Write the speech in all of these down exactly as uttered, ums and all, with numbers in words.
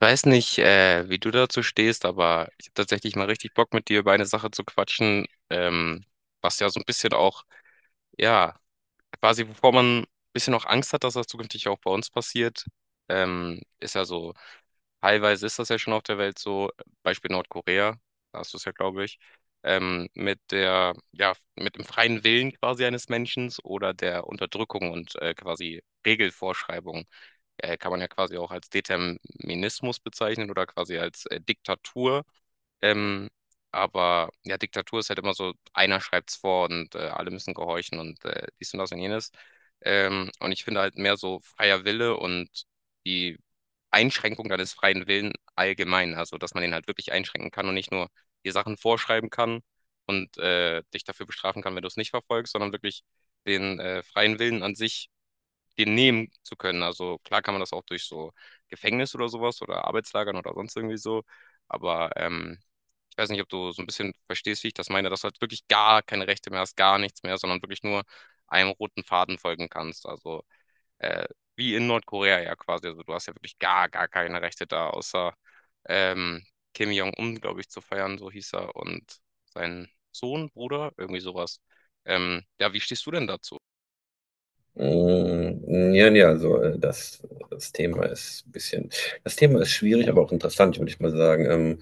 Weiß nicht, äh, wie du dazu stehst, aber ich habe tatsächlich mal richtig Bock mit dir über eine Sache zu quatschen, ähm, was ja so ein bisschen auch, ja, quasi, wovor man ein bisschen auch Angst hat, dass das zukünftig auch bei uns passiert. Ähm, ist ja so, teilweise ist das ja schon auf der Welt so, Beispiel Nordkorea. Da hast du es ja, glaube ich, ähm, mit der, ja, mit dem freien Willen quasi eines Menschen oder der Unterdrückung und äh, quasi Regelvorschreibung. Äh, kann man ja quasi auch als Determinismus bezeichnen oder quasi als äh, Diktatur. Ähm, aber ja, Diktatur ist halt immer so, einer schreibt's vor und äh, alle müssen gehorchen und äh, dies und das und jenes. Ähm, und ich finde halt mehr so freier Wille und die Einschränkung deines freien Willen allgemein, also dass man den halt wirklich einschränken kann und nicht nur die Sachen vorschreiben kann und äh, dich dafür bestrafen kann, wenn du es nicht verfolgst, sondern wirklich den äh, freien Willen an sich den nehmen zu können. Also klar kann man das auch durch so Gefängnis oder sowas oder Arbeitslagern oder sonst irgendwie so. Aber ähm, ich weiß nicht, ob du so ein bisschen verstehst, wie ich das meine, dass du halt wirklich gar keine Rechte mehr hast, gar nichts mehr, sondern wirklich nur einem roten Faden folgen kannst. Also äh, wie in Nordkorea ja quasi. Also du hast ja wirklich gar, gar keine Rechte da, außer ähm, Kim Jong-un, glaube ich, zu feiern, so hieß er, und sein Sohn, Bruder, irgendwie sowas. Ähm, ja, wie stehst du denn dazu? Mm, ja, ja, also äh, das, das Thema ist ein bisschen, das Thema ist schwierig, aber auch interessant, würde ich mal sagen. Ähm,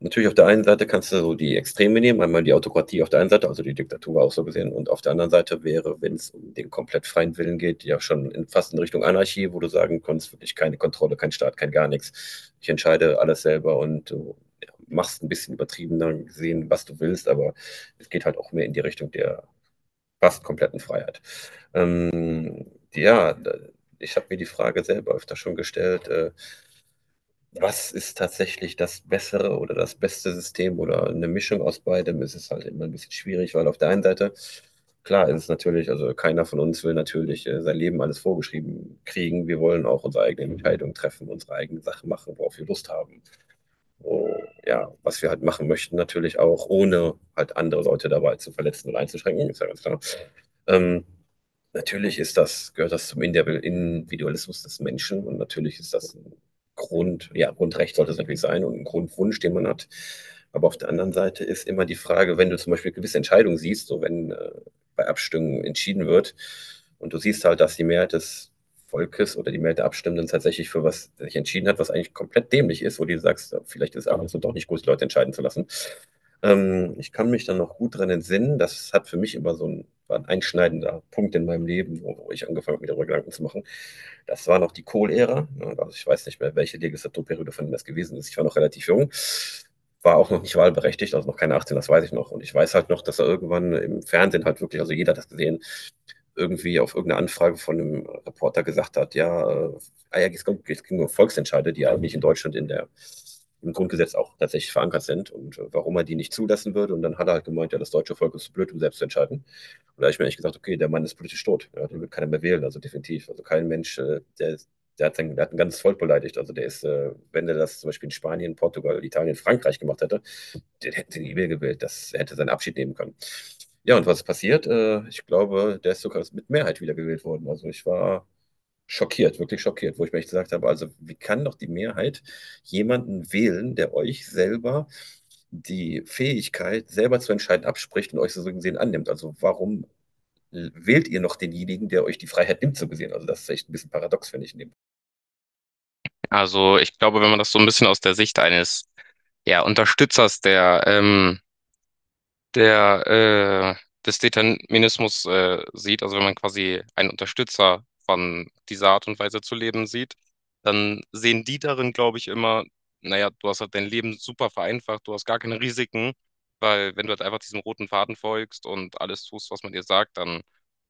Natürlich auf der einen Seite kannst du so die Extreme nehmen, einmal die Autokratie auf der einen Seite, also die Diktatur auch so gesehen, und auf der anderen Seite wäre, wenn es um den komplett freien Willen geht, ja schon in, fast in Richtung Anarchie, wo du sagen kannst, wirklich keine Kontrolle, kein Staat, kein gar nichts. Ich entscheide alles selber und du, ja, machst ein bisschen übertriebener gesehen, was du willst, aber es geht halt auch mehr in die Richtung der fast kompletten Freiheit. Ja, da- Ich habe mir die Frage selber öfter schon gestellt. Äh, was ist tatsächlich das bessere oder das beste System oder eine Mischung aus beidem? Es ist halt immer ein bisschen schwierig, weil auf der einen Seite, klar, ist es natürlich, also keiner von uns will natürlich äh, sein Leben alles vorgeschrieben kriegen. Wir wollen auch unsere eigenen Entscheidungen treffen, unsere eigenen Sachen machen, worauf wir Lust haben, äh, ja, was wir halt machen möchten, natürlich auch, ohne halt andere Leute dabei zu verletzen und einzuschränken, ist ja ganz klar. Ähm, natürlich ist das, gehört das zum Indi- Individualismus des Menschen und natürlich ist das ein Grund, ja, Grundrecht sollte es natürlich sein und ein Grundwunsch, den man hat. Aber auf der anderen Seite ist immer die Frage, wenn du zum Beispiel gewisse Entscheidungen siehst, so wenn äh, bei Abstimmungen entschieden wird und du siehst halt, dass die Mehrheit des Volkes oder die Mehrheit der Abstimmenden tatsächlich für was sich entschieden hat, was eigentlich komplett dämlich ist, wo du sagst, ja, vielleicht ist es ab und zu doch nicht gut, die Leute entscheiden zu lassen. Ähm, ich kann mich dann noch gut dran entsinnen, das hat für mich immer so ein, war ein einschneidender Punkt in meinem Leben, wo, wo ich angefangen habe, mir darüber Gedanken zu machen. Das war noch die Kohl-Ära, ne? Also ich weiß nicht mehr, welche Legislaturperiode von dem das gewesen ist. Ich war noch relativ jung, war auch noch nicht wahlberechtigt, also noch keine achtzehn, das weiß ich noch. Und ich weiß halt noch, dass er irgendwann im Fernsehen halt wirklich, also jeder hat das gesehen, irgendwie auf irgendeine Anfrage von einem Reporter gesagt hat, ja, äh, ah ja, es ging um Volksentscheide, die ja eigentlich in Deutschland in der, im Grundgesetz auch tatsächlich verankert sind und äh, warum er die nicht zulassen würde. Und dann hat er halt gemeint, ja, das deutsche Volk ist zu blöd, um selbst zu entscheiden. Und da habe ich mir eigentlich gesagt, okay, der Mann ist politisch tot, ja, den wird keiner mehr wählen, also definitiv. Also kein Mensch, äh, der, der, hat sein, der hat ein ganzes Volk beleidigt. Also der ist, äh, wenn er das zum Beispiel in Spanien, Portugal, Italien, Frankreich gemacht hätte, den hätten sie nie mehr gewählt. Das er hätte seinen Abschied nehmen können. Ja, und was ist passiert? Äh, ich glaube, der ist sogar mit Mehrheit wiedergewählt worden. Also ich war schockiert, wirklich schockiert, wo ich mir echt gesagt habe, also wie kann doch die Mehrheit jemanden wählen, der euch selber die Fähigkeit, selber zu entscheiden, abspricht und euch so gesehen annimmt? Also warum wählt ihr noch denjenigen, der euch die Freiheit nimmt, so gesehen? Also das ist echt ein bisschen paradox, finde ich, in dem. Also ich glaube, wenn man das so ein bisschen aus der Sicht eines ja, Unterstützers der ähm, der, äh, des Determinismus, äh, sieht, also wenn man quasi einen Unterstützer von dieser Art und Weise zu leben sieht, dann sehen die darin, glaube ich, immer, naja, du hast halt dein Leben super vereinfacht, du hast gar keine Risiken, weil wenn du halt einfach diesem roten Faden folgst und alles tust, was man dir sagt, dann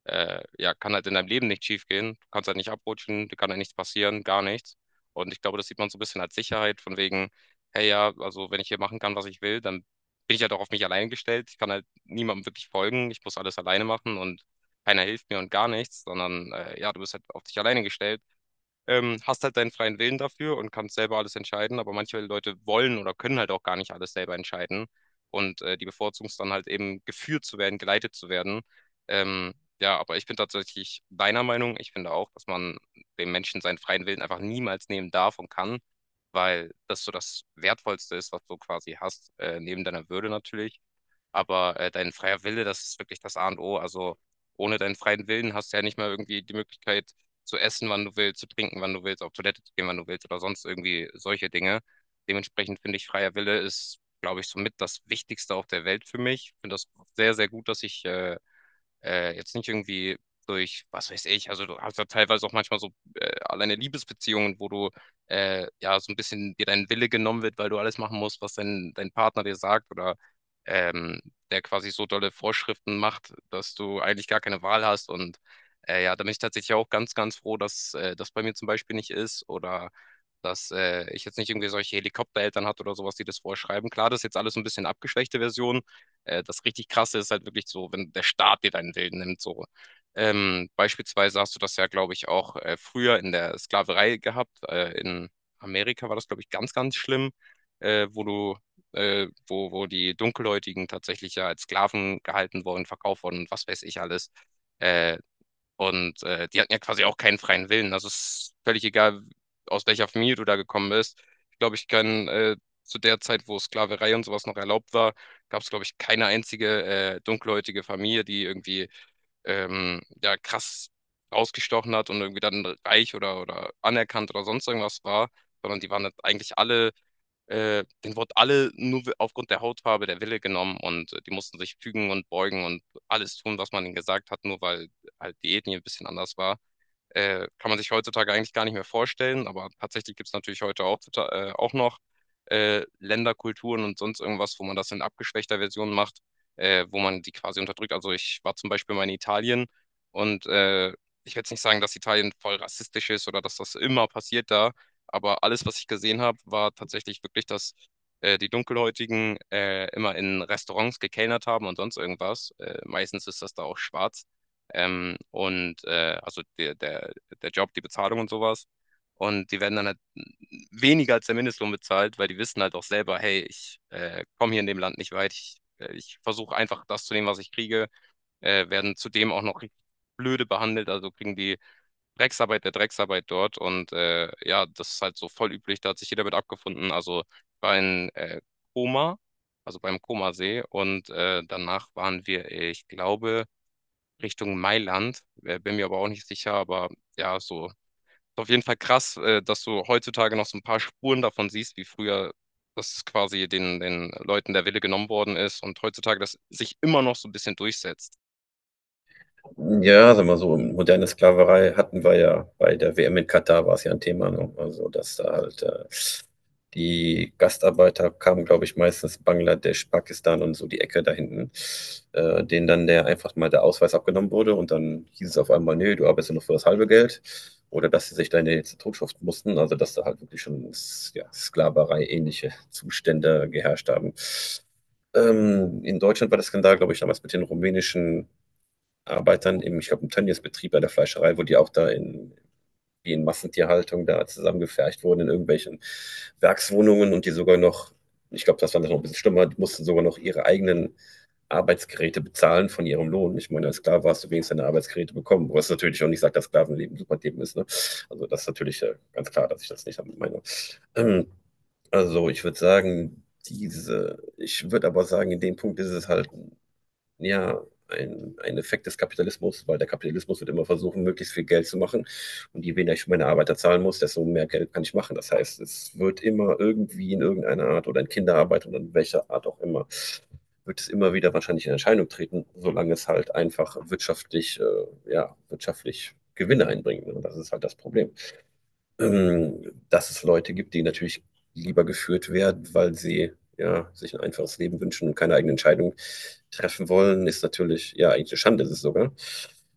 äh, ja, kann halt in deinem Leben nicht schief gehen. Du kannst halt nicht abrutschen, dir kann halt nichts passieren, gar nichts. Und ich glaube, das sieht man so ein bisschen als Sicherheit, von wegen, hey ja, also wenn ich hier machen kann, was ich will, dann bin ich halt auch auf mich allein gestellt. Ich kann halt niemandem wirklich folgen. Ich muss alles alleine machen und keiner hilft mir und gar nichts, sondern äh, ja, du bist halt auf dich alleine gestellt, ähm, hast halt deinen freien Willen dafür und kannst selber alles entscheiden, aber manche Leute wollen oder können halt auch gar nicht alles selber entscheiden und äh, die bevorzugen es dann halt eben geführt zu werden, geleitet zu werden. Ähm, ja, aber ich bin tatsächlich deiner Meinung, ich finde auch, dass man dem Menschen seinen freien Willen einfach niemals nehmen darf und kann, weil das so das Wertvollste ist, was du quasi hast, äh, neben deiner Würde natürlich. Aber äh, dein freier Wille, das ist wirklich das A und O. Also ohne deinen freien Willen hast du ja nicht mal irgendwie die Möglichkeit zu essen, wann du willst, zu trinken, wann du willst, auf Toilette zu gehen, wann du willst oder sonst irgendwie solche Dinge. Dementsprechend finde ich, freier Wille ist, glaube ich, somit das Wichtigste auf der Welt für mich. Ich finde das sehr, sehr gut, dass ich äh, äh, jetzt nicht irgendwie durch, was weiß ich, also du hast ja teilweise auch manchmal so äh, alleine Liebesbeziehungen, wo du äh, ja so ein bisschen dir dein Wille genommen wird, weil du alles machen musst, was dein, dein Partner dir sagt oder ähm, der quasi so dolle Vorschriften macht, dass du eigentlich gar keine Wahl hast und äh, ja, da bin ich tatsächlich auch ganz, ganz froh, dass äh, das bei mir zum Beispiel nicht ist oder dass äh, ich jetzt nicht irgendwie solche Helikoptereltern hatte oder sowas, die das vorschreiben. Klar, das ist jetzt alles so ein bisschen abgeschwächte Version. Äh, das richtig Krasse ist halt wirklich so, wenn der Staat dir deinen Willen nimmt, so. Ähm, beispielsweise hast du das ja, glaube ich, auch äh, früher in der Sklaverei gehabt. Äh, in Amerika war das, glaube ich, ganz, ganz schlimm, äh, wo du, äh, wo, wo die Dunkelhäutigen tatsächlich ja als Sklaven gehalten wurden, verkauft wurden und was weiß ich alles. Äh, und äh, die hatten ja quasi auch keinen freien Willen. Also es ist völlig egal, aus welcher Familie du da gekommen bist. Ich glaube, ich kann äh, zu der Zeit, wo Sklaverei und sowas noch erlaubt war, gab es, glaube ich, keine einzige äh, dunkelhäutige Familie, die irgendwie ähm, ja, krass ausgestochen hat und irgendwie dann reich oder, oder anerkannt oder sonst irgendwas war, sondern die waren jetzt eigentlich alle äh, denen wurden alle nur aufgrund der Hautfarbe der Wille genommen und äh, die mussten sich fügen und beugen und alles tun, was man ihnen gesagt hat, nur weil halt die Ethnie ein bisschen anders war. Äh, kann man sich heutzutage eigentlich gar nicht mehr vorstellen, aber tatsächlich gibt es natürlich heute auch, tota- äh, auch noch äh, Länderkulturen und sonst irgendwas, wo man das in abgeschwächter Version macht, äh, wo man die quasi unterdrückt. Also ich war zum Beispiel mal in Italien und äh, ich will jetzt nicht sagen, dass Italien voll rassistisch ist oder dass das immer passiert da, aber alles, was ich gesehen habe, war tatsächlich wirklich, dass äh, die Dunkelhäutigen äh, immer in Restaurants gekellnert haben und sonst irgendwas. Äh, meistens ist das da auch schwarz. Ähm, und äh, also der, der, der Job, die Bezahlung und sowas. Und die werden dann halt weniger als der Mindestlohn bezahlt, weil die wissen halt auch selber, hey, ich äh, komme hier in dem Land nicht weit. Ich, äh, ich versuche einfach das zu nehmen, was ich kriege. Äh, werden zudem auch noch richtig blöde behandelt, also kriegen die Drecksarbeit der Drecksarbeit dort. Und äh, ja, das ist halt so voll üblich, da hat sich jeder mit abgefunden. Also ich war in äh, Koma, also beim Komasee. Und äh, danach waren wir, ich glaube, Richtung Mailand. Äh, bin mir aber auch nicht sicher, aber ja, so. Ist auf jeden Fall krass, äh, dass du heutzutage noch so ein paar Spuren davon siehst, wie früher das quasi den, den Leuten der Wille genommen worden ist und heutzutage das sich immer noch so ein bisschen durchsetzt. Ja, sagen wir so, moderne Sklaverei hatten wir ja bei der W M in Katar, war es ja ein Thema, ne? Also, dass da halt äh, die Gastarbeiter kamen, glaube ich, meistens Bangladesch, Pakistan und so die Ecke da hinten, äh, denen dann der einfach mal der Ausweis abgenommen wurde und dann hieß es auf einmal, nee, du arbeitest ja nur für das halbe Geld oder dass sie sich dann jetzt totschuften mussten, also dass da halt wirklich schon s- ja, Sklaverei-ähnliche Zustände geherrscht haben. Ähm, in Deutschland war der Skandal, glaube ich, damals mit den rumänischen Arbeitern im, ich glaube, im Tönnies-Betrieb bei der Fleischerei, wo die auch da in, wie in Massentierhaltung da zusammengefercht wurden in irgendwelchen Werkswohnungen und die sogar noch, ich glaube, das war noch ein bisschen schlimmer, die mussten sogar noch ihre eigenen Arbeitsgeräte bezahlen von ihrem Lohn. Ich meine, als Sklave hast du wenigstens deine Arbeitsgeräte bekommen, was natürlich auch nicht sagt, dass Sklavenleben super Leben ist. Ne? Also das ist natürlich, äh, ganz klar, dass ich das nicht meine. Ähm, also ich würde sagen, diese, ich würde aber sagen, in dem Punkt ist es halt ja ein, ein Effekt des Kapitalismus, weil der Kapitalismus wird immer versuchen, möglichst viel Geld zu machen. Und je weniger ich für meine Arbeiter zahlen muss, desto mehr Geld kann ich machen. Das heißt, es wird immer irgendwie in irgendeiner Art oder in Kinderarbeit oder in welcher Art auch immer, wird es immer wieder wahrscheinlich in Erscheinung treten, solange es halt einfach wirtschaftlich, äh, ja, wirtschaftlich Gewinne einbringt. Und das ist halt das Problem, ähm, dass es Leute gibt, die natürlich lieber geführt werden, weil sie, ja, sich ein einfaches Leben wünschen und keine eigene Entscheidung treffen wollen, ist natürlich, ja, eigentlich eine Schande ist es sogar.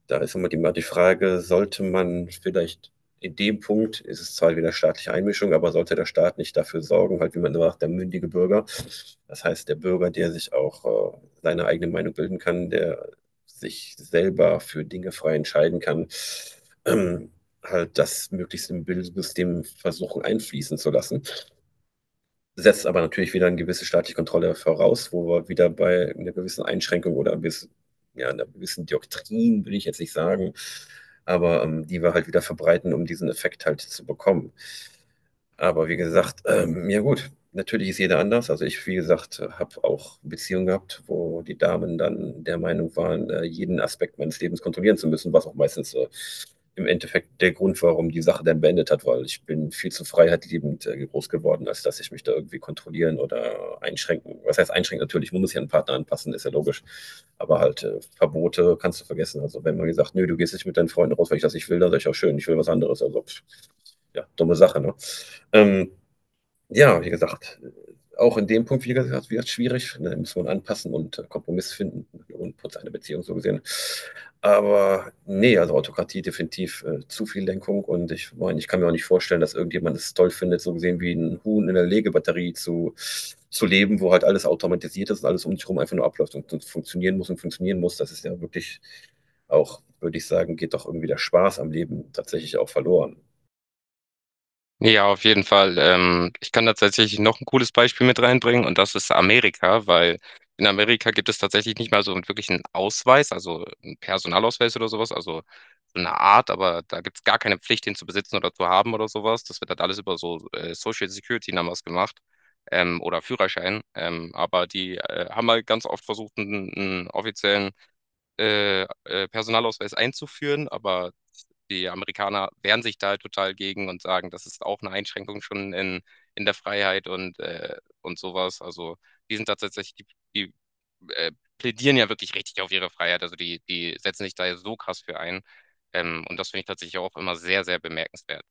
Da ist immer die, die Frage, sollte man vielleicht in dem Punkt, ist es zwar wieder staatliche Einmischung, aber sollte der Staat nicht dafür sorgen, halt wie man sagt, der mündige Bürger, das heißt der Bürger, der sich auch äh, seine eigene Meinung bilden kann, der sich selber für Dinge frei entscheiden kann, ähm, halt das möglichst im Bildungssystem versuchen einfließen zu lassen. Setzt aber natürlich wieder eine gewisse staatliche Kontrolle voraus, wo wir wieder bei einer gewissen Einschränkung oder ein bisschen, ja, einer gewissen Doktrin, will ich jetzt nicht sagen, aber ähm, die wir halt wieder verbreiten, um diesen Effekt halt zu bekommen. Aber wie gesagt, ähm, ja gut, natürlich ist jeder anders. Also ich, wie gesagt, habe auch Beziehungen gehabt, wo die Damen dann der Meinung waren, äh, jeden Aspekt meines Lebens kontrollieren zu müssen, was auch meistens äh, im Endeffekt der Grund war, warum die Sache dann beendet hat, weil ich bin viel zu freiheitliebend äh, groß geworden, als dass ich mich da irgendwie kontrollieren oder einschränken. Was heißt einschränken? Natürlich, man muss sich an den Partner anpassen, ist ja logisch. Aber halt äh, Verbote kannst du vergessen. Also wenn man gesagt, nö, du gehst nicht mit deinen Freunden raus, weil ich das nicht will, dann sag ich auch schön, ich will was anderes. Also pff, ja, dumme Sache, ne? Ähm, ja, wie gesagt, auch in dem Punkt, wie gesagt, wird es schwierig. Da muss man anpassen und äh, Kompromiss finden und putzt eine Beziehung so gesehen. Aber nee, also Autokratie definitiv äh, zu viel Lenkung und ich meine, ich kann mir auch nicht vorstellen, dass irgendjemand es toll findet, so gesehen wie ein Huhn in der Legebatterie zu, zu leben, wo halt alles automatisiert ist und alles um dich herum einfach nur abläuft und, und funktionieren muss und funktionieren muss. Das ist ja wirklich auch, würde ich sagen, geht doch irgendwie der Spaß am Leben tatsächlich auch verloren. Ja, auf jeden Fall. Ähm, ich kann da tatsächlich noch ein cooles Beispiel mit reinbringen und das ist Amerika, weil in Amerika gibt es tatsächlich nicht mal so wirklich einen wirklichen Ausweis, also einen Personalausweis oder sowas, also so eine Art, aber da gibt es gar keine Pflicht, den zu besitzen oder zu haben oder sowas. Das wird halt alles über so äh, Social Security Numbers gemacht, ähm, oder Führerschein. Ähm, aber die äh, haben halt ganz oft versucht, einen, einen offiziellen äh, äh, Personalausweis einzuführen, aber die Amerikaner wehren sich da halt total gegen und sagen, das ist auch eine Einschränkung schon in, in der Freiheit und, äh, und sowas. Also die sind tatsächlich, die, die äh, plädieren ja wirklich richtig auf ihre Freiheit. Also die, die setzen sich da ja so krass für ein. Ähm, und das finde ich tatsächlich auch immer sehr, sehr bemerkenswert.